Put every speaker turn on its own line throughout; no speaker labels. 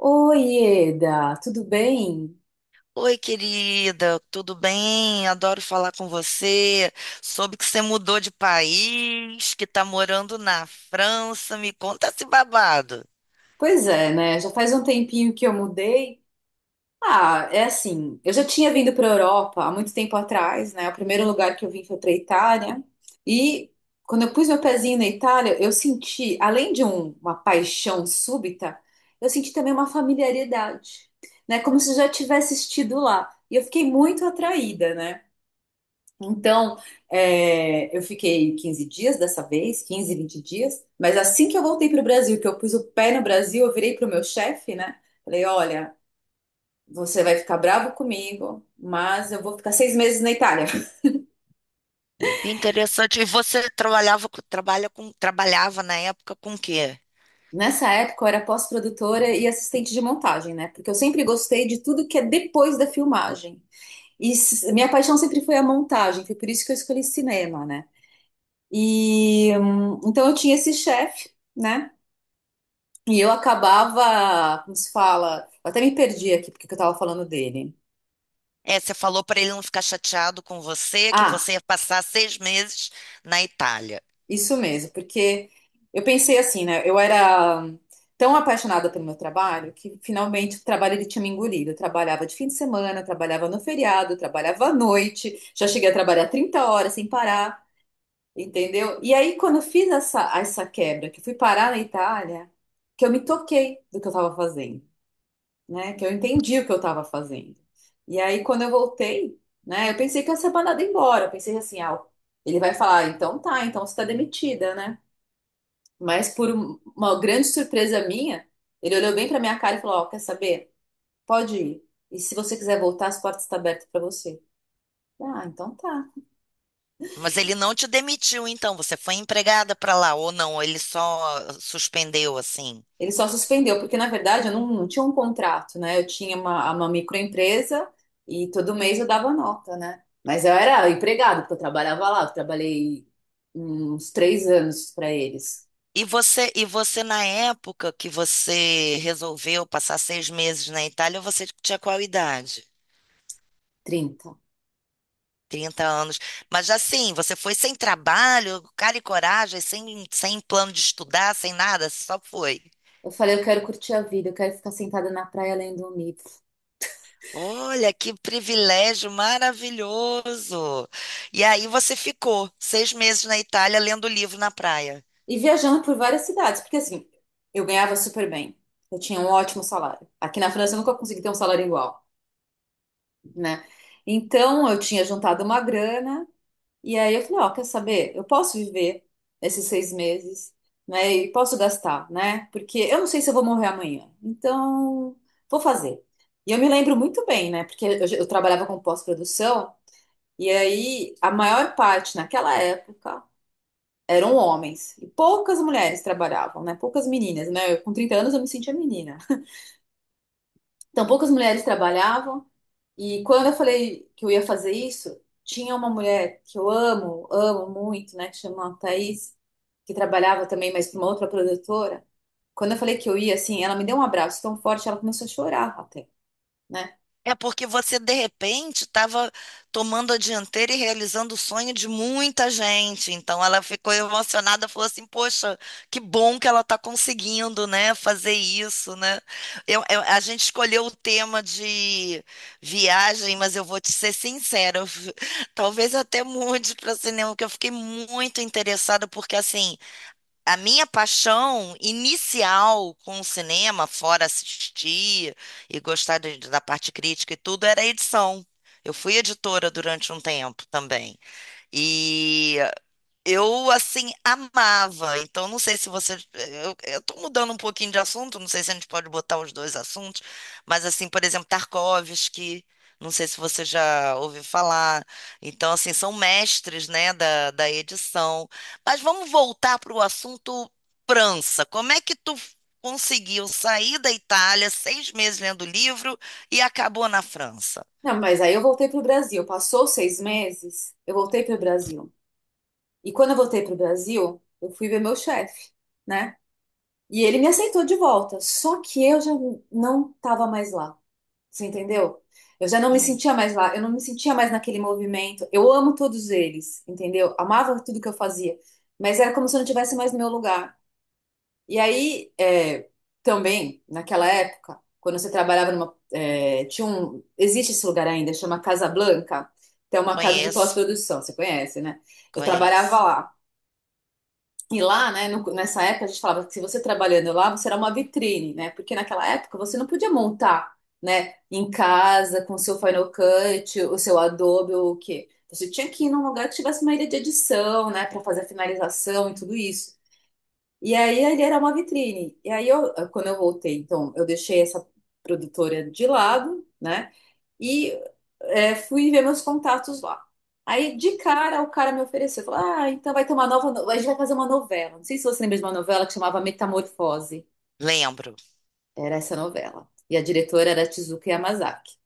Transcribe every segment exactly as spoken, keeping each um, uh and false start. Oi, Eda, tudo bem?
Oi, querida, tudo bem? Adoro falar com você. Soube que você mudou de país, que está morando na França. Me conta esse babado.
Pois é, né? Já faz um tempinho que eu mudei. Ah, é assim, eu já tinha vindo para a Europa há muito tempo atrás, né? O primeiro lugar que eu vim foi para a Itália. E quando eu pus meu pezinho na Itália, eu senti, além de um- uma paixão súbita, eu senti também uma familiaridade, né? Como se eu já tivesse estido lá. E eu fiquei muito atraída, né? Então, é, eu fiquei quinze dias dessa vez, quinze, vinte dias, mas assim que eu voltei para o Brasil, que eu pus o pé no Brasil, eu virei para o meu chefe, né? Falei: olha, você vai ficar bravo comigo, mas eu vou ficar seis meses na Itália.
Que interessante. E você trabalhava, com- trabalha com, trabalhava na época com o quê?
Nessa época, eu era pós-produtora e assistente de montagem, né? Porque eu sempre gostei de tudo que é depois da filmagem. E s- minha paixão sempre foi a montagem, foi por isso que eu escolhi cinema, né? E hum, então eu tinha esse chefe. Né? E eu acabava, como se fala, eu até me perdi aqui porque que eu tava falando dele.
É, você falou para ele não ficar chateado com você, que
Ah,
você ia passar seis meses na Itália.
isso mesmo, porque eu pensei assim, né? Eu era tão apaixonada pelo meu trabalho que finalmente o trabalho ele tinha me engolido. Eu trabalhava de fim de semana, eu trabalhava no feriado, eu trabalhava à noite, já cheguei a trabalhar trinta horas sem parar, entendeu? E aí quando eu fiz essa, essa quebra, que eu fui parar na Itália, que eu me toquei do que eu tava fazendo. Né? Que eu entendi o que eu estava fazendo. E aí, quando eu voltei, né? Eu pensei que eu ia ser mandada embora. Eu pensei assim, ah, ele vai falar, "Ah, então tá, então você está demitida, né? Mas por um- uma grande surpresa minha, ele olhou bem para minha cara e falou, ó, quer saber? Pode ir. E se você quiser voltar, as portas estão abertas para você. Ah, então tá.
Mas ele não te demitiu, então. Você foi empregada para lá ou não? Ele só suspendeu assim.
Ele só suspendeu, porque na verdade eu não, não tinha um contrato, né? Eu tinha uma, uma microempresa e todo mês eu dava nota, né? Mas eu era empregado, porque eu trabalhava lá, eu trabalhei uns três anos para eles,
E você, e você, na época que você resolveu passar seis meses na Itália, você tinha qual idade?
trinta.
Trinta anos. Mas assim, você foi sem trabalho, cara e coragem, sem, sem plano de estudar, sem nada, só foi.
Eu falei, eu quero curtir a vida, eu quero ficar sentada na praia lendo um livro.
Olha, que privilégio maravilhoso! E aí você ficou seis meses na Itália lendo livro na praia.
E viajando por várias cidades, porque assim, eu ganhava super bem, eu tinha um ótimo salário. Aqui na França eu nunca consegui ter um salário igual, né? Então eu tinha juntado uma grana. E aí eu falei, ó, quer saber? Eu posso viver esses seis meses, né? E posso gastar, né? Porque eu não sei se eu vou morrer amanhã. Então, vou fazer. E eu me lembro muito bem, né? Porque eu, eu trabalhava com pós-produção, e aí a maior parte naquela época eram homens. E poucas mulheres trabalhavam, né? Poucas meninas, né? Eu, com trinta anos eu me sentia menina. Então, poucas mulheres trabalhavam. E quando eu falei que eu ia fazer isso, tinha uma mulher que eu amo, amo muito, né, que chama Thaís, que trabalhava também, mas para uma outra produtora. Quando eu falei que eu ia, assim, ela me deu um abraço tão forte, ela começou a chorar até, né?
É porque você, de repente, estava tomando a dianteira e realizando o sonho de muita gente. Então, ela ficou emocionada, falou assim: poxa, que bom que ela está conseguindo, né, fazer isso, né? Eu, eu- a gente escolheu o tema de viagem, mas eu vou te ser sincera, eu fi- talvez até mude para cinema, porque eu fiquei muito interessada, porque assim. A minha paixão inicial com o cinema, fora assistir e gostar de- da parte crítica e tudo, era a edição. Eu fui editora durante um tempo também. E eu, assim, amava. Então, não sei se você. Eu, eu tô mudando um pouquinho de assunto, não sei se a gente pode botar os dois assuntos, mas, assim, por exemplo, Tarkovsky, não sei se você já ouviu falar. Então, assim, são mestres, né, da, da edição. Mas vamos voltar para o assunto França. Como é que tu conseguiu sair da Itália seis meses lendo livro e acabou na França?
Não, mas aí eu voltei pro Brasil. Passou seis meses, eu voltei pro Brasil. E quando eu voltei pro Brasil, eu fui ver meu chefe, né? E ele me aceitou de volta, só que eu já não estava mais lá. Você entendeu? Eu já não me
Uhum.
sentia mais lá, eu não me sentia mais naquele movimento. Eu amo todos eles, entendeu? Amava tudo que eu fazia, mas era como se eu não tivesse mais no meu lugar. E aí, é, também, naquela época, quando você trabalhava numa. É, tinha um, existe esse lugar ainda, chama Casa Blanca, que é uma casa de
Conheço,
pós-produção, você conhece, né? Eu trabalhava
conheço.
lá. E lá, né, no- nessa época a gente falava que se você trabalhando lá, você era uma vitrine, né? Porque naquela época você não podia montar, né, em casa com o seu Final Cut, o seu Adobe ou o quê. Você tinha que ir num lugar que tivesse uma ilha de edição, né, para fazer a finalização e tudo isso. E aí ele era uma vitrine. E aí eu, quando eu voltei, então, eu deixei essa produtora de lado, né? E é, fui ver meus contatos lá. Aí, de cara, o cara me ofereceu, falou, ah, então vai ter uma nova, no- a gente vai fazer uma novela. Não sei se você lembra de uma novela que chamava Metamorfose.
Lembro.
Era essa novela. E a diretora era Tezuka Yamazaki.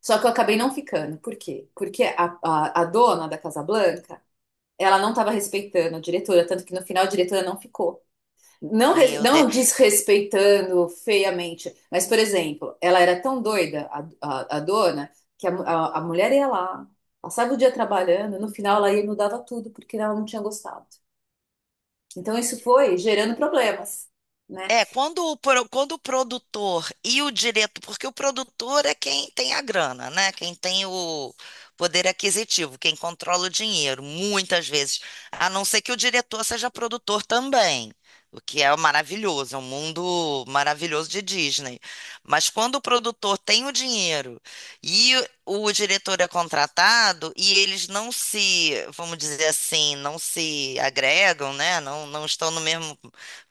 Só que eu acabei não ficando. Por quê? Porque a, a, a dona da Casa Blanca, ela não estava respeitando a diretora, tanto que no final a diretora não ficou. Não, res-
Meu Deus.
não desrespeitando feiamente, mas, por exemplo, ela era tão doida, a, a, a dona, que a, mu- a, a mulher ia lá, passava o dia trabalhando, no final ela ia e mudava tudo porque ela não tinha gostado. Então isso foi gerando problemas, né?
É, quando o, pro- quando o produtor e o diretor, porque o produtor é quem tem a grana, né? Quem tem o poder aquisitivo, quem controla o dinheiro, muitas vezes. A não ser que o diretor seja produtor também, o que é maravilhoso, é um mundo maravilhoso de Disney. Mas quando o produtor tem o dinheiro e o o diretor é contratado e eles não se, vamos dizer assim, não se agregam, né? Não, não estão no mesmo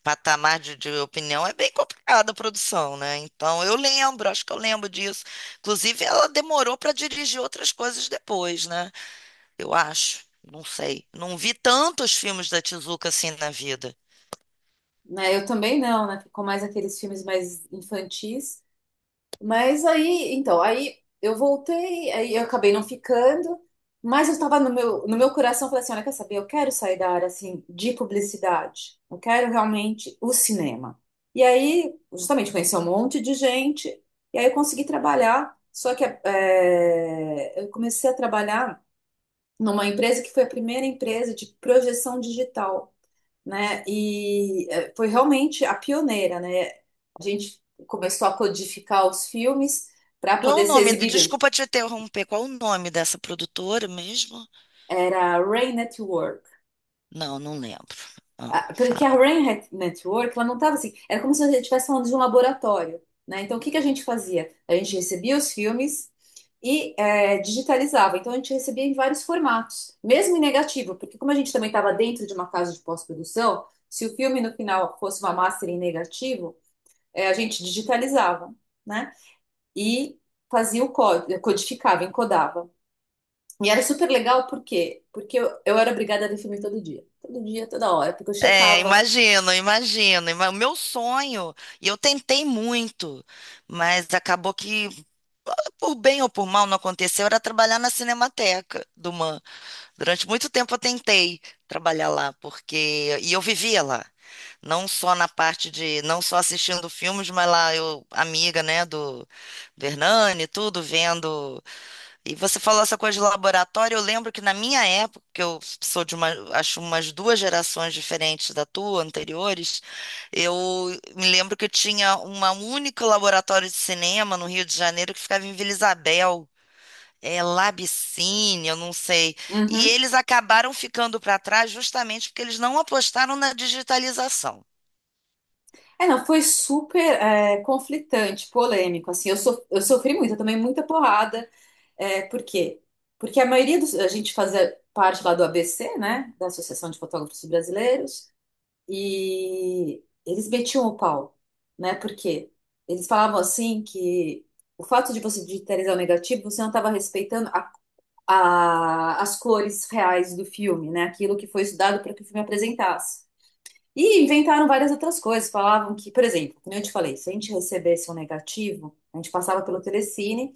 patamar de, de opinião, é bem complicado a produção, né? Então eu lembro, acho que eu lembro disso. Inclusive, ela demorou para dirigir outras coisas depois, né? Eu acho, não sei. Não vi tantos filmes da Tezuka assim na vida.
Né, eu também não, né? Ficou mais aqueles filmes mais infantis. Mas aí, então, aí eu voltei, aí eu acabei não ficando, mas eu estava no meu, no meu coração, eu falei assim, olha, quer saber, eu quero sair da área, assim, de publicidade, eu quero realmente o cinema. E aí, justamente, conheci um monte de gente, e aí eu consegui trabalhar, só que eh, eu comecei a trabalhar numa empresa que foi a primeira empresa de projeção digital, né? E eh, foi realmente a pioneira, né? A gente começou a codificar os filmes para
Qual é o
poder ser
nome?
exibido.
Desculpa te interromper. Qual é o nome dessa produtora mesmo?
Era a Ray Network.
Não, não lembro. Ah,
Ah, porque a
fala.
Ray Net- Network, ela não estava assim, era como se você estivesse falando de um laboratório, né? Então, o que que a gente fazia? A gente recebia os filmes e eh, digitalizava. Então, a gente recebia em vários formatos, mesmo em negativo, porque como a gente também estava dentro de uma casa de pós-produção, se o filme no final fosse uma master em negativo, é, a gente digitalizava, né? E fazia o código, codificava, encodava. E era super legal, por quê? Porque eu, eu era obrigada a definir todo dia. Todo dia, toda hora, porque eu
É,
checava.
imagino, imagino. Ima- O meu sonho, e eu tentei muito, mas acabou que por bem ou por mal não aconteceu, era trabalhar na Cinemateca do Man. Durante muito tempo eu tentei trabalhar lá, porque. E eu vivia lá. Não só na parte de. Não só assistindo filmes, mas lá eu, amiga, né, do, do Hernani, tudo, vendo. E você falou essa coisa de laboratório, eu lembro que na minha época, que eu sou de uma, acho umas duas gerações diferentes da tua, anteriores, eu me lembro que tinha uma única laboratório de cinema no Rio de Janeiro que ficava em Vila Isabel, é Labicine, eu não sei. E
Uhum.
eles acabaram ficando para trás justamente porque eles não apostaram na digitalização.
É, não, foi super é, conflitante, polêmico, assim, eu, so, eu sofri muito, eu tomei muita porrada, é, por quê? Porque a maioria dos, a gente fazia parte lá do A B C, né, da Associação de Fotógrafos Brasileiros, e eles metiam o pau, né? Porque eles falavam assim que o fato de você digitalizar o negativo, você não estava respeitando a- a- as cores reais do filme, né? Aquilo que foi estudado para que o filme apresentasse. E inventaram várias outras coisas. Falavam que, por exemplo, como eu te falei, se a gente recebesse um negativo, a gente passava pelo Telecine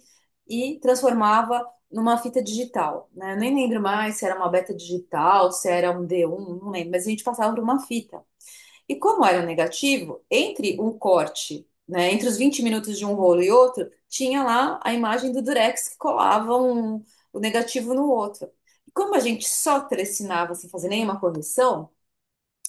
e transformava numa fita digital, né? Eu nem lembro mais se era uma beta digital, se era um d um, não lembro, mas a gente passava por uma fita. E como era um negativo, entre um corte, né, entre os vinte minutos de um rolo e outro, tinha lá a imagem do Durex que colava um, o negativo no outro. E como a gente só trecinava sem fazer nenhuma correção,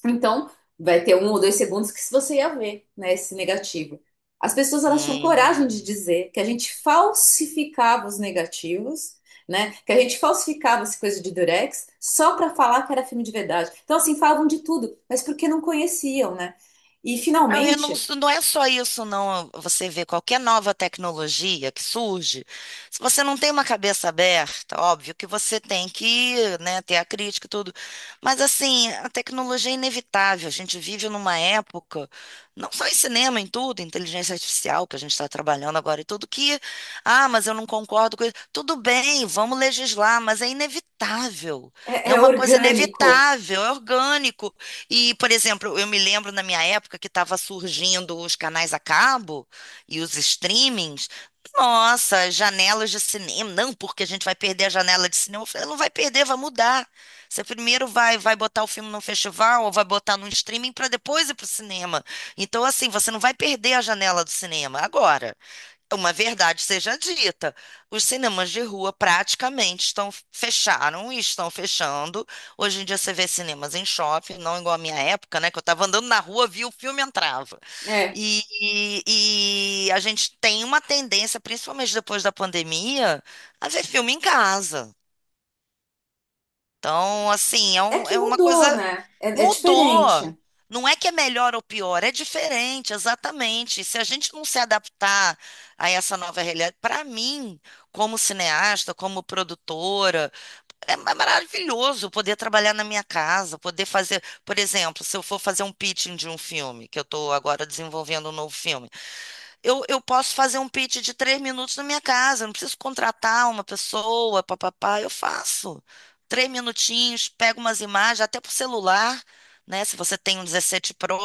então, vai ter um ou dois segundos que se você ia ver, né, esse negativo. As pessoas elas tinham coragem de
Hum.
dizer que a gente falsificava os negativos, né, que a gente falsificava essa coisa de Durex só para falar que era filme de verdade. Então, assim, falavam de tudo, mas porque não conheciam, né? E
Não, eu não,
finalmente
não é só isso, não. Você vê qualquer nova tecnologia que surge, se você não tem uma cabeça aberta, óbvio que você tem que, né, ter a crítica e tudo. Mas, assim, a tecnologia é inevitável. A gente vive numa época, não só em cinema, em tudo, inteligência artificial, que a gente está trabalhando agora e tudo, que, ah, mas eu não concordo com isso. Tudo bem, vamos legislar, mas é inevitável.
é,
É
é
uma coisa
orgânico,
inevitável, é orgânico. E, por exemplo, eu me lembro na minha época que estava surgindo os canais a cabo e os streamings. Nossa, janelas de cinema. Não, porque a gente vai perder a janela de cinema. Eu falei, não vai perder, vai mudar. Você primeiro vai, vai botar o filme num festival ou vai botar num streaming para depois ir para o cinema. Então, assim, você não vai perder a janela do cinema agora. Uma verdade seja dita, os cinemas de rua praticamente estão fecharam e estão fechando. Hoje em dia você vê cinemas em shopping, não igual a minha época, né? Que eu estava andando na rua, via o filme, entrava.
é.
E, e- e a gente tem uma tendência, principalmente depois da pandemia, a ver filme em casa. Então, assim, é,
É
um-
que
é uma
mudou,
coisa.
né? É, é
Mudou.
diferente.
Não é que é melhor ou pior, é diferente, exatamente. Se a gente não se adaptar a essa nova realidade, para mim, como cineasta, como produtora, é ma- maravilhoso poder trabalhar na minha casa, poder fazer, por exemplo, se eu for fazer um pitching de um filme, que eu estou agora desenvolvendo um novo filme, eu, eu posso fazer um pitch de três minutos na minha casa, não preciso contratar uma pessoa, papapá, eu faço. Três minutinhos, pego umas imagens, até pro celular, né? Se você tem um dezessete Pro,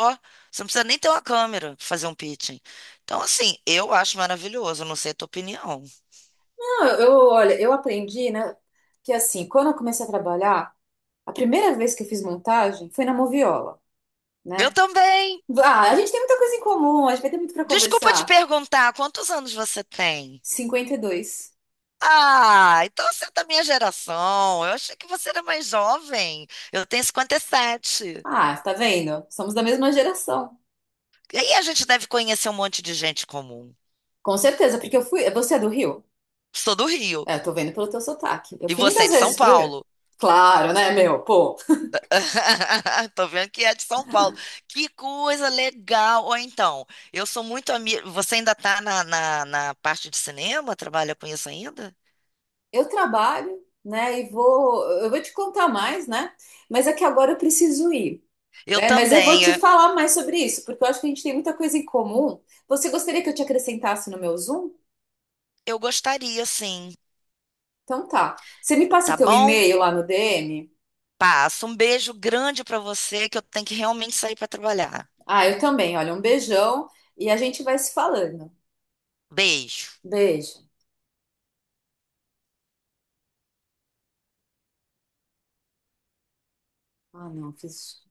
você não precisa nem ter uma câmera para fazer um pitching. Então, assim, eu acho maravilhoso, não sei a tua opinião.
Não, eu, eu- olha, eu aprendi, né, que assim, quando eu comecei a trabalhar, a primeira vez que eu fiz montagem foi na Moviola.
Eu
Né?
também.
Ah, a gente tem muita coisa em comum, a gente vai ter muito para
Desculpa te
conversar.
perguntar, quantos anos você tem?
Cinquenta e dois.
Ah, então você é da minha geração. Eu achei que você era mais jovem. Eu tenho cinquenta e sete.
Ah, tá vendo? Somos da mesma geração.
E aí a gente deve conhecer um monte de gente comum.
Com certeza, porque eu fui. Você é do Rio?
Sou do Rio.
É, eu tô vendo pelo teu sotaque. Eu
E
fui
você é
muitas
de São
vezes pro Rio.
Paulo.
Claro, né, meu? Pô,
Tô vendo que é de São Paulo. Que coisa legal. Ou então, eu sou muito amiga. Você ainda tá na, na, na parte de cinema? Trabalha com isso ainda?
eu trabalho, né? E vou. Eu vou te contar mais, né? Mas é que agora eu preciso ir.
Eu
Né? Mas eu vou
também.
te
É.
falar mais sobre isso, porque eu acho que a gente tem muita coisa em comum. Você gostaria que eu te acrescentasse no meu Zoom?
Eu gostaria, sim.
Então tá. Você me passa o
Tá
teu
bom?
e-mail lá no D M?
Passa. Um beijo grande pra você, que eu tenho que realmente sair pra trabalhar.
Ah, eu também. Olha, um beijão e a gente vai se falando.
Beijo.
Beijo. Ah, não, fiz.